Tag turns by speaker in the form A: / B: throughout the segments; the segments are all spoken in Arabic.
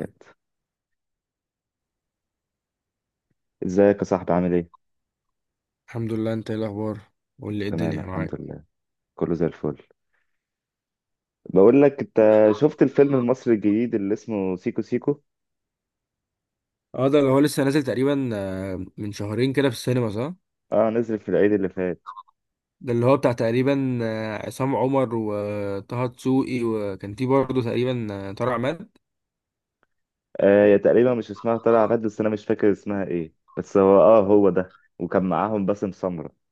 A: الوقت. ازيك يا صاحبي عامل ايه؟
B: الحمد لله، انت ايه الاخبار؟ قول لي ايه
A: تمام،
B: الدنيا
A: الحمد
B: معاك.
A: لله، كله زي الفل. بقول لك انت، شفت الفيلم المصري الجديد اللي اسمه سيكو سيكو؟
B: اه، ده اللي هو لسه نازل تقريبا من شهرين كده في السينما، صح؟
A: اه، نزل في العيد اللي فات.
B: ده اللي هو بتاع تقريبا عصام عمر وطه دسوقي، وكان فيه برضه تقريبا طارق عماد.
A: آه، يا تقريبا مش اسمها طلع عبد، بس انا مش فاكر اسمها ايه، بس هو ده، وكان معاهم باسم سمرة.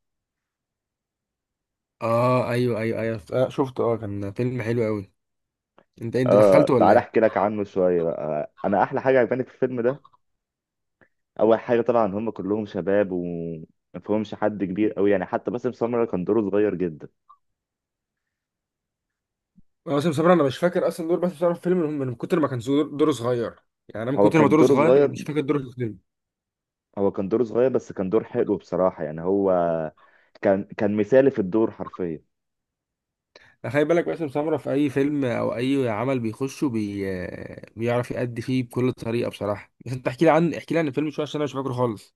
B: اه، ايوه ايوه ايوه، شفته. اه، كان فيلم حلو قوي. انت
A: اه،
B: دخلته ولا
A: تعال
B: ايه؟
A: احكي لك عنه شوية بقى. انا احلى حاجة عجباني في الفيلم ده، اول حاجة طبعا، هم كلهم شباب وما فيهمش حد كبير قوي، يعني حتى باسم سمرة كان دوره صغير جدا.
B: اه، باسم سمرة انا مش فاكر اصلا دور باسم سمرة في الفيلم، من كتر ما كان دوره صغير، يعني انا من
A: هو
B: كتر ما
A: كان
B: دوره
A: دوره
B: صغير انا
A: صغير،
B: مش فاكر دوره في الفيلم.
A: بس كان دور حلو بصراحة، يعني هو كان مثالي في الدور حرفيا.
B: خلي بالك باسم سمرة في أي فيلم أو أي عمل بيخشه بيعرف يأدي فيه بكل طريقة، بصراحة. بس أنت احكي لي عن الفيلم شوية، عشان أنا مش فاكره خالص.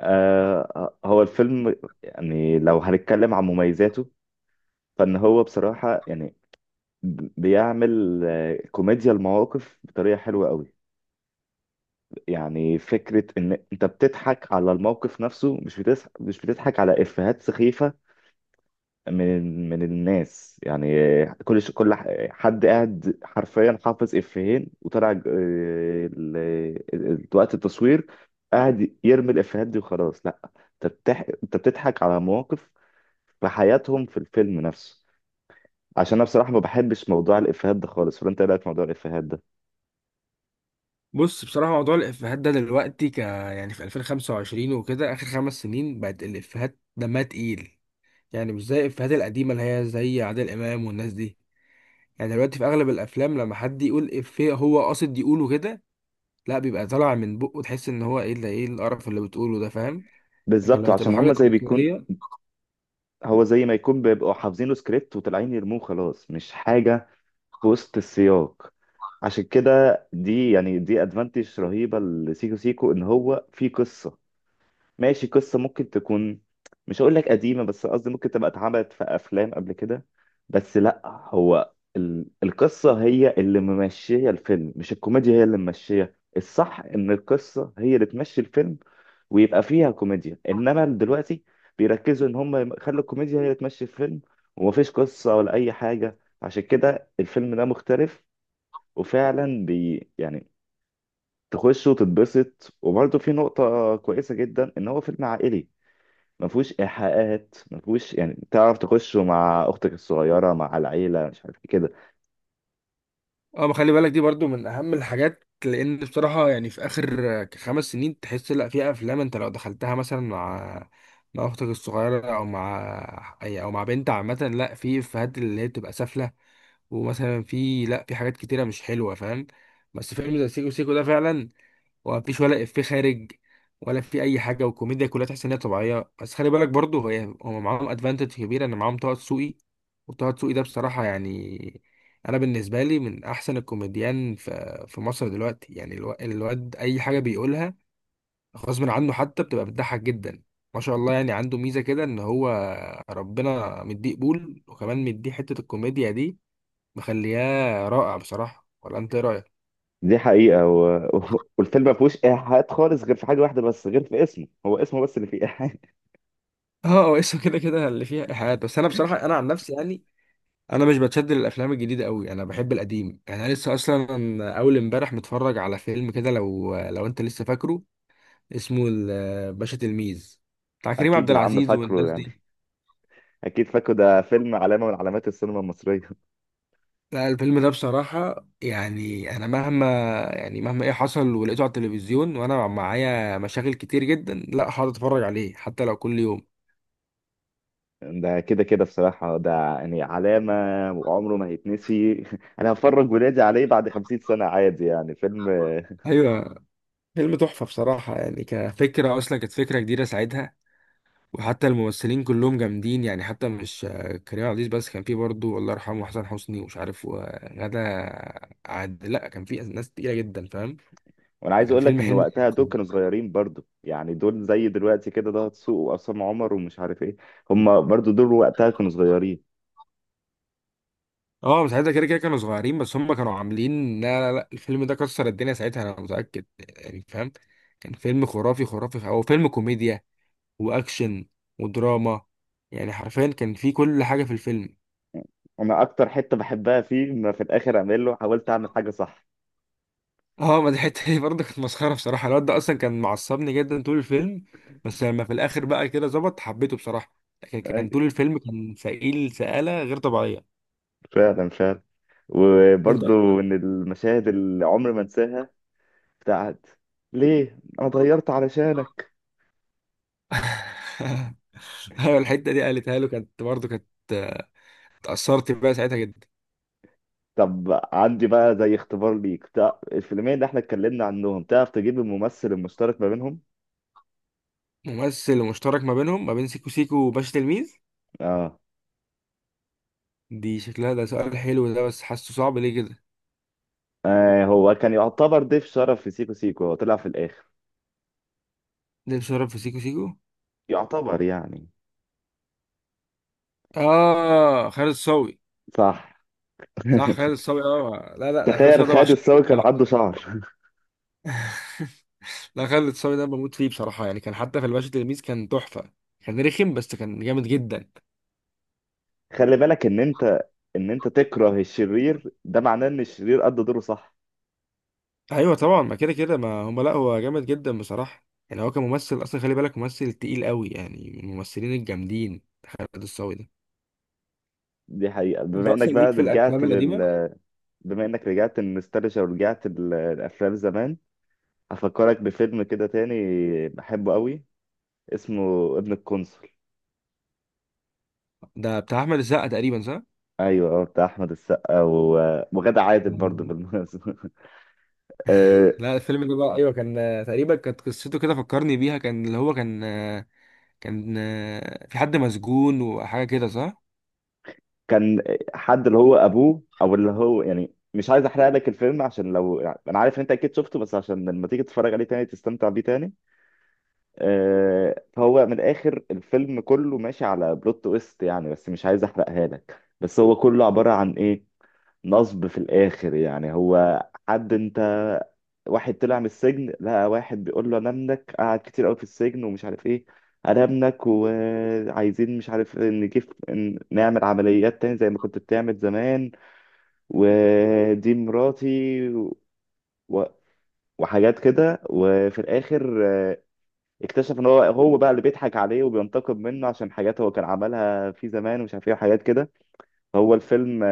A: هو الفيلم، يعني لو هنتكلم عن مميزاته، فإن هو بصراحة يعني بيعمل كوميديا المواقف بطريقة حلوة قوي. يعني فكرة إن أنت بتضحك على الموقف نفسه، مش بتضحك، على إفيهات سخيفة من الناس يعني. حد قاعد حرفيا حافظ افيهين، وطلع وقت التصوير قاعد يرمي الافيهات دي وخلاص. لا، انت بتضحك على مواقف في حياتهم في الفيلم نفسه. عشان انا بصراحه ما بحبش موضوع الافيهات ده خالص، فانت إيه رايك في موضوع الافيهات ده؟
B: بص، بصراحة موضوع الإفيهات ده دلوقتي يعني في 2025 وكده، آخر خمس سنين بقت الإفيهات دمها تقيل. يعني مش زي الإفيهات القديمة اللي هي زي عادل إمام والناس دي. يعني دلوقتي في أغلب الأفلام، لما حد يقول إفيه هو قاصد يقوله كده. لا، بيبقى طالع من بقه، تحس إن هو إيه ده، إيه القرف اللي بتقوله ده، فاهم؟ لكن
A: بالظبط،
B: لما
A: عشان
B: تبقى حاجة
A: هم زي بيكون
B: تلقائية.
A: هو زي ما يكون بيبقوا حافظين له سكريبت وطالعين يرموه خلاص، مش حاجه في وسط السياق. عشان كده دي يعني دي ادفانتج رهيبه لسيكو سيكو، ان هو في قصه ماشي. قصة ممكن تكون، مش هقول لك قديمة، بس قصدي ممكن تبقى اتعملت في أفلام قبل كده، بس لأ. القصة هي اللي ممشية الفيلم، مش الكوميديا هي اللي ممشية. الصح إن القصة هي اللي تمشي الفيلم ويبقى فيها كوميديا، إنما دلوقتي بيركزوا إن هم يخلوا الكوميديا هي اللي تمشي الفيلم، ومفيش قصة ولا أي حاجة. عشان كده الفيلم ده مختلف، وفعلا يعني تخش وتتبسط. وبرضه في نقطة كويسة جدا، إن هو فيلم عائلي ما فيهوش ايحاءات، ما فيهوش يعني تعرف، تخشه مع اختك الصغيره، مع العيله، مش عارف إيه كده.
B: اه، ما خلي بالك دي برضو من اهم الحاجات، لان بصراحه يعني في اخر خمس سنين تحس، لا، في افلام انت لو دخلتها مثلا مع اختك الصغيره او مع اي او مع بنت عامه، لا، في افيهات اللي هي بتبقى سافله. ومثلا في، لا، في حاجات كتيره مش حلوه، فاهم؟ بس فيلم زي سيكو سيكو ده فعلا، ومفيش ولا افيه خارج، ولا في اي حاجه، والكوميديا كلها تحس ان هي طبيعيه. بس خلي بالك برضه هم معاهم ادفانتج كبيره ان معاهم طه دسوقي. وطه دسوقي ده بصراحه يعني انا بالنسبه لي من احسن الكوميديان في مصر دلوقتي، يعني الواد اي حاجه بيقولها غصب عنه، حتى بتبقى بتضحك جدا. ما شاء الله، يعني عنده ميزه كده ان هو ربنا مديه قبول، وكمان مديه حته الكوميديا دي مخلياه رائع بصراحه. ولا انت إيه رايك؟
A: دي حقيقه. والفيلم ما فيهوش ايحاءات خالص، غير في حاجه واحده بس، غير في اسمه، هو اسمه بس اللي فيه ايحاء.
B: اه، هو اسمه كده كده اللي فيها ايحاءات. بس انا بصراحه، انا عن نفسي يعني انا مش بتشد للافلام الجديده قوي، انا بحب القديم، يعني انا لسه اصلا اول امبارح متفرج على فيلم كده، لو انت لسه فاكره، اسمه باشا تلميذ، بتاع كريم عبد
A: اكيد يا عم
B: العزيز
A: فاكره
B: والناس
A: يعني،
B: دي.
A: اكيد فاكره، ده فيلم علامه من علامات السينما المصريه.
B: لا، الفيلم ده بصراحه يعني انا مهما يعني مهما ايه حصل ولقيته على التلفزيون وانا معايا مشاغل كتير جدا، لا هقعد اتفرج عليه حتى لو كل يوم.
A: ده كده كده بصراحه، ده يعني علامه، وعمره ما هيتنسي. انا هفرج ولادي عليه بعد 50 سنه عادي يعني. فيلم.
B: ايوه، فيلم تحفه بصراحه، يعني كفكره اصلا كانت فكره جديده ساعتها. وحتى الممثلين كلهم جامدين، يعني حتى مش كريم عبد العزيز بس، كان في برضه الله يرحمه حسن حسني ومش عارف وغادة عادل. لا، كان في ناس تقيلة جدا، فاهم؟
A: وانا عايز
B: فكان
A: اقول لك
B: فيلم
A: ان
B: حلم
A: وقتها دول
B: كركم.
A: كانوا صغيرين برضو، يعني دول زي دلوقتي كده، ده دسوقي وعصام عمر ومش عارف ايه. هم برضو دول وقتها كانوا صغيرين.
B: اه، مش عايزة، كده كده كانوا صغيرين بس هم كانوا عاملين. لا، لا، لا، الفيلم ده كسر الدنيا ساعتها انا متأكد، يعني فاهم. كان فيلم خرافي خرافي، هو فيلم كوميديا واكشن ودراما، يعني حرفيا كان فيه كل حاجة في الفيلم.
A: انا اكتر حته بحبها فيه، ما في الاخر اعمل له، حاولت اعمل حاجه صح.
B: اه، ما دي حته دي برضه كانت مسخره بصراحه، الواد ده اصلا كان معصبني جدا طول الفيلم. بس لما في الاخر بقى كده ظبط، حبيته بصراحه. لكن
A: اي،
B: كان طول الفيلم كان سئيل سئاله غير طبيعيه.
A: فعلا فعلا.
B: انت.
A: وبرضو من المشاهد اللي عمري ما انساها، بتاعت ليه انا اتغيرت علشانك.
B: ايوه، الحته دي قالتها له، كانت برضه كانت آه، اتاثرت بقى ساعتها جدا.
A: طب عندي بقى زي اختبار ليك، بتاع الفيلمين اللي احنا اتكلمنا عنهم، تعرف تجيب الممثل المشترك ما بينهم؟
B: ممثل مشترك ما بينهم، ما بين سيكو سيكو وباشا تلميذ؟
A: اه،
B: دي شكلها، ده سؤال حلو ده، بس حاسه صعب ليه كده.
A: هو كان يعتبر ضيف شرف في سيكو سيكو، هو طلع في الآخر
B: ليه بيشرب في سيكو سيكو؟
A: يعتبر يعني.
B: اه، خالد الصاوي.
A: صح.
B: صح، خالد الصاوي. اه، لا، لا، لا، خالد
A: تخيل
B: الصاوي ده
A: خالد
B: بعشقه.
A: الصاوي كان
B: آه.
A: عنده شعر.
B: لا، خالد الصاوي ده بموت فيه بصراحة، يعني كان حتى في الباشا تلميذ كان تحفة. كان رخم بس كان جامد جدا.
A: خلي بالك ان انت تكره الشرير ده، معناه ان الشرير قد دوره صح.
B: أيوة، طبعا، ما كده كده ما هم، لا، هو جامد جدا بصراحة، يعني هو كممثل أصلا خلي بالك، ممثل تقيل قوي يعني، من الممثلين الجامدين خالد الصاوي ده.
A: دي حقيقة.
B: أنت أصلا ليك في الأفلام القديمة.
A: بما انك رجعت النوستالجيا ورجعت الافلام زمان، هفكرك بفيلم كده تاني بحبه قوي، اسمه ابن القنصل.
B: ده بتاع أحمد السقا تقريبا، صح؟
A: ايوه، هو بتاع احمد السقا وغادة عادل برضه
B: مم.
A: بالمناسبة.
B: لا، الفيلم ده بقى، أيوة كان تقريبا كانت قصته كده، فكرني بيها، كان اللي هو كان آه، كان آه، في حد مسجون وحاجة كده، صح؟
A: كان حد اللي هو ابوه، او اللي هو يعني، مش عايز احرق لك الفيلم عشان، لو يعني، انا عارف ان انت اكيد شفته، بس عشان لما تيجي تتفرج عليه تاني تستمتع بيه تاني. فهو من الاخر الفيلم كله ماشي على بلوت تويست يعني، بس مش عايز احرقها لك. بس هو كله عبارة عن ايه، نصب في الآخر، يعني هو حد أنت واحد طلع من السجن، لقى واحد بيقول له انا ابنك، قعد كتير قوي في السجن ومش عارف ايه، انا ابنك وعايزين مش عارف نجيب، نعمل عمليات تاني زي ما كنت بتعمل زمان، ودي مراتي و... وحاجات كده. وفي الاخر اكتشف ان هو هو بقى اللي بيضحك عليه وبينتقم منه، عشان حاجات هو كان عملها في زمان ومش عارف ايه وحاجات كده. هو الفيلم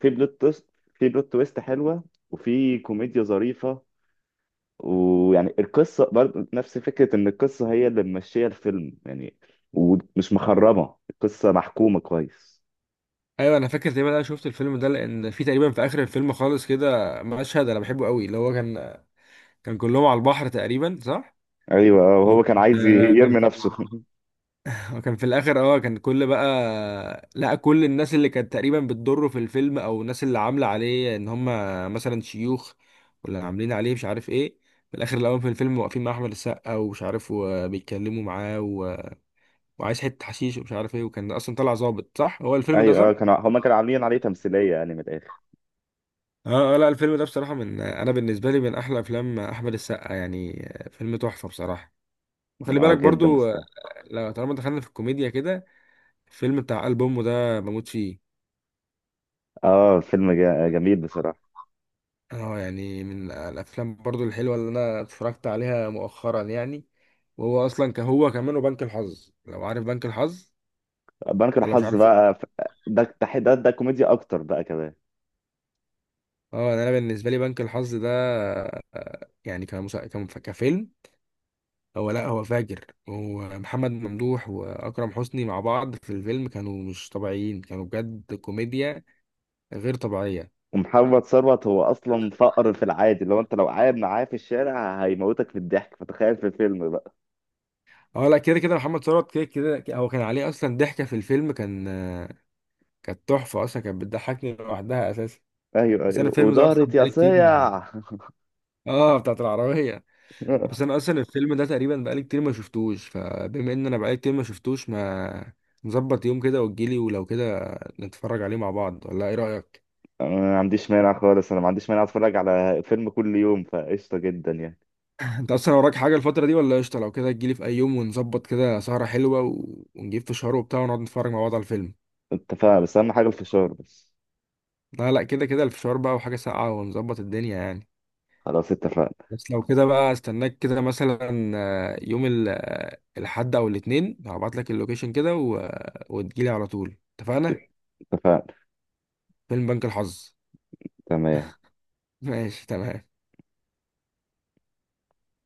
A: في بلوت تويست، حلوه، وفي كوميديا ظريفه. ويعني القصه برضه نفس فكره، ان القصه هي اللي ممشيه الفيلم يعني، ومش مخربه، القصه محكومه كويس.
B: ايوه، انا فاكر تقريبا، انا شفت الفيلم ده لان في تقريبا في اخر الفيلم خالص كده مشهد انا بحبه قوي، اللي هو كان كلهم على البحر تقريبا، صح؟
A: ايوه
B: وكان
A: وهو كان عايز يرمي نفسه.
B: في الاخر، اه كان كل بقى، لا، كل الناس اللي كانت تقريبا بتضره في الفيلم او الناس اللي عامله عليه ان هم مثلا شيوخ، ولا عاملين عليه مش عارف ايه، في الاخر الاول في الفيلم واقفين مع احمد السقا ومش عارف وبيتكلموا معاه و... وعايز حته حشيش ومش عارف ايه، وكان اصلا طلع ظابط، صح هو الفيلم ده،
A: ايوه
B: صح؟
A: كانوا هما كانوا عاملين عليه تمثيليه يعني من الاخر.
B: اه، لا، الفيلم ده بصراحة انا بالنسبة لي من احلى افلام احمد السقا، يعني فيلم تحفة بصراحة. وخلي
A: اه
B: بالك
A: جدا
B: برضو
A: بصراحه.
B: لو طالما دخلنا في الكوميديا كده، الفيلم بتاع ألبومه ده بموت فيه.
A: اه فيلم جميل بصراحه.
B: اه، يعني من الافلام برضو الحلوة اللي انا اتفرجت عليها مؤخرا، يعني وهو اصلا كهو كمان، وبنك الحظ، لو عارف بنك الحظ
A: بنك
B: ولا مش
A: الحظ
B: عارف.
A: بقى ده كوميديا اكتر بقى كمان.
B: اه، انا بالنسبة لي بنك الحظ ده يعني كفيلم، لا هو فاجر، هو محمد ممدوح واكرم حسني مع بعض في الفيلم كانوا مش طبيعيين، كانوا بجد كوميديا غير طبيعيه.
A: ومحمد ثروت هو اصلا فقر في العادي، لو انت لو قاعد معاه في الشارع هيموتك في الضحك، فتخيل في فيلم بقى.
B: اه، لا، كده كده محمد ثروت، كده كده هو كان عليه اصلا ضحكه في الفيلم، كان كانت تحفه اصلا، كانت بتضحكني لوحدها اساسا.
A: ايوه
B: بس انا
A: ايوه،
B: الفيلم ده اصلا
A: ودارت يا
B: بقالي كتير
A: سيع.
B: اه، بتاعت العربيه. بس انا اصلا الفيلم ده تقريبا بقالي كتير ما شفتوش، فبما ان انا بقالي كتير ما شفتوش، ما نظبط يوم كده وتجيلي، ولو كده نتفرج عليه مع بعض، ولا ايه رايك؟
A: انا ما عنديش مانع خالص، انا ما عنديش مانع اتفرج على فيلم كل يوم، فقشطه جدا يعني.
B: انت اصلا وراك حاجه الفتره دي ولا قشطه؟ لو كده تجيلي في اي يوم ونظبط كده سهره حلوه و... ونجيب فشار وبتاع ونقعد نتفرج مع بعض على الفيلم.
A: اتفقنا، بس اهم حاجه الفشار بس.
B: لا، لا، كده كده الفشار بقى وحاجه ساقعه، ونظبط الدنيا يعني.
A: خلاص اتفقنا.
B: بس لو كده بقى استناك كده مثلا يوم الاحد او الاثنين، هبعت لك اللوكيشن كده و... وتجيلي على طول، اتفقنا؟
A: اتفقنا.
B: فيلم بنك الحظ.
A: تمام.
B: ماشي، تمام.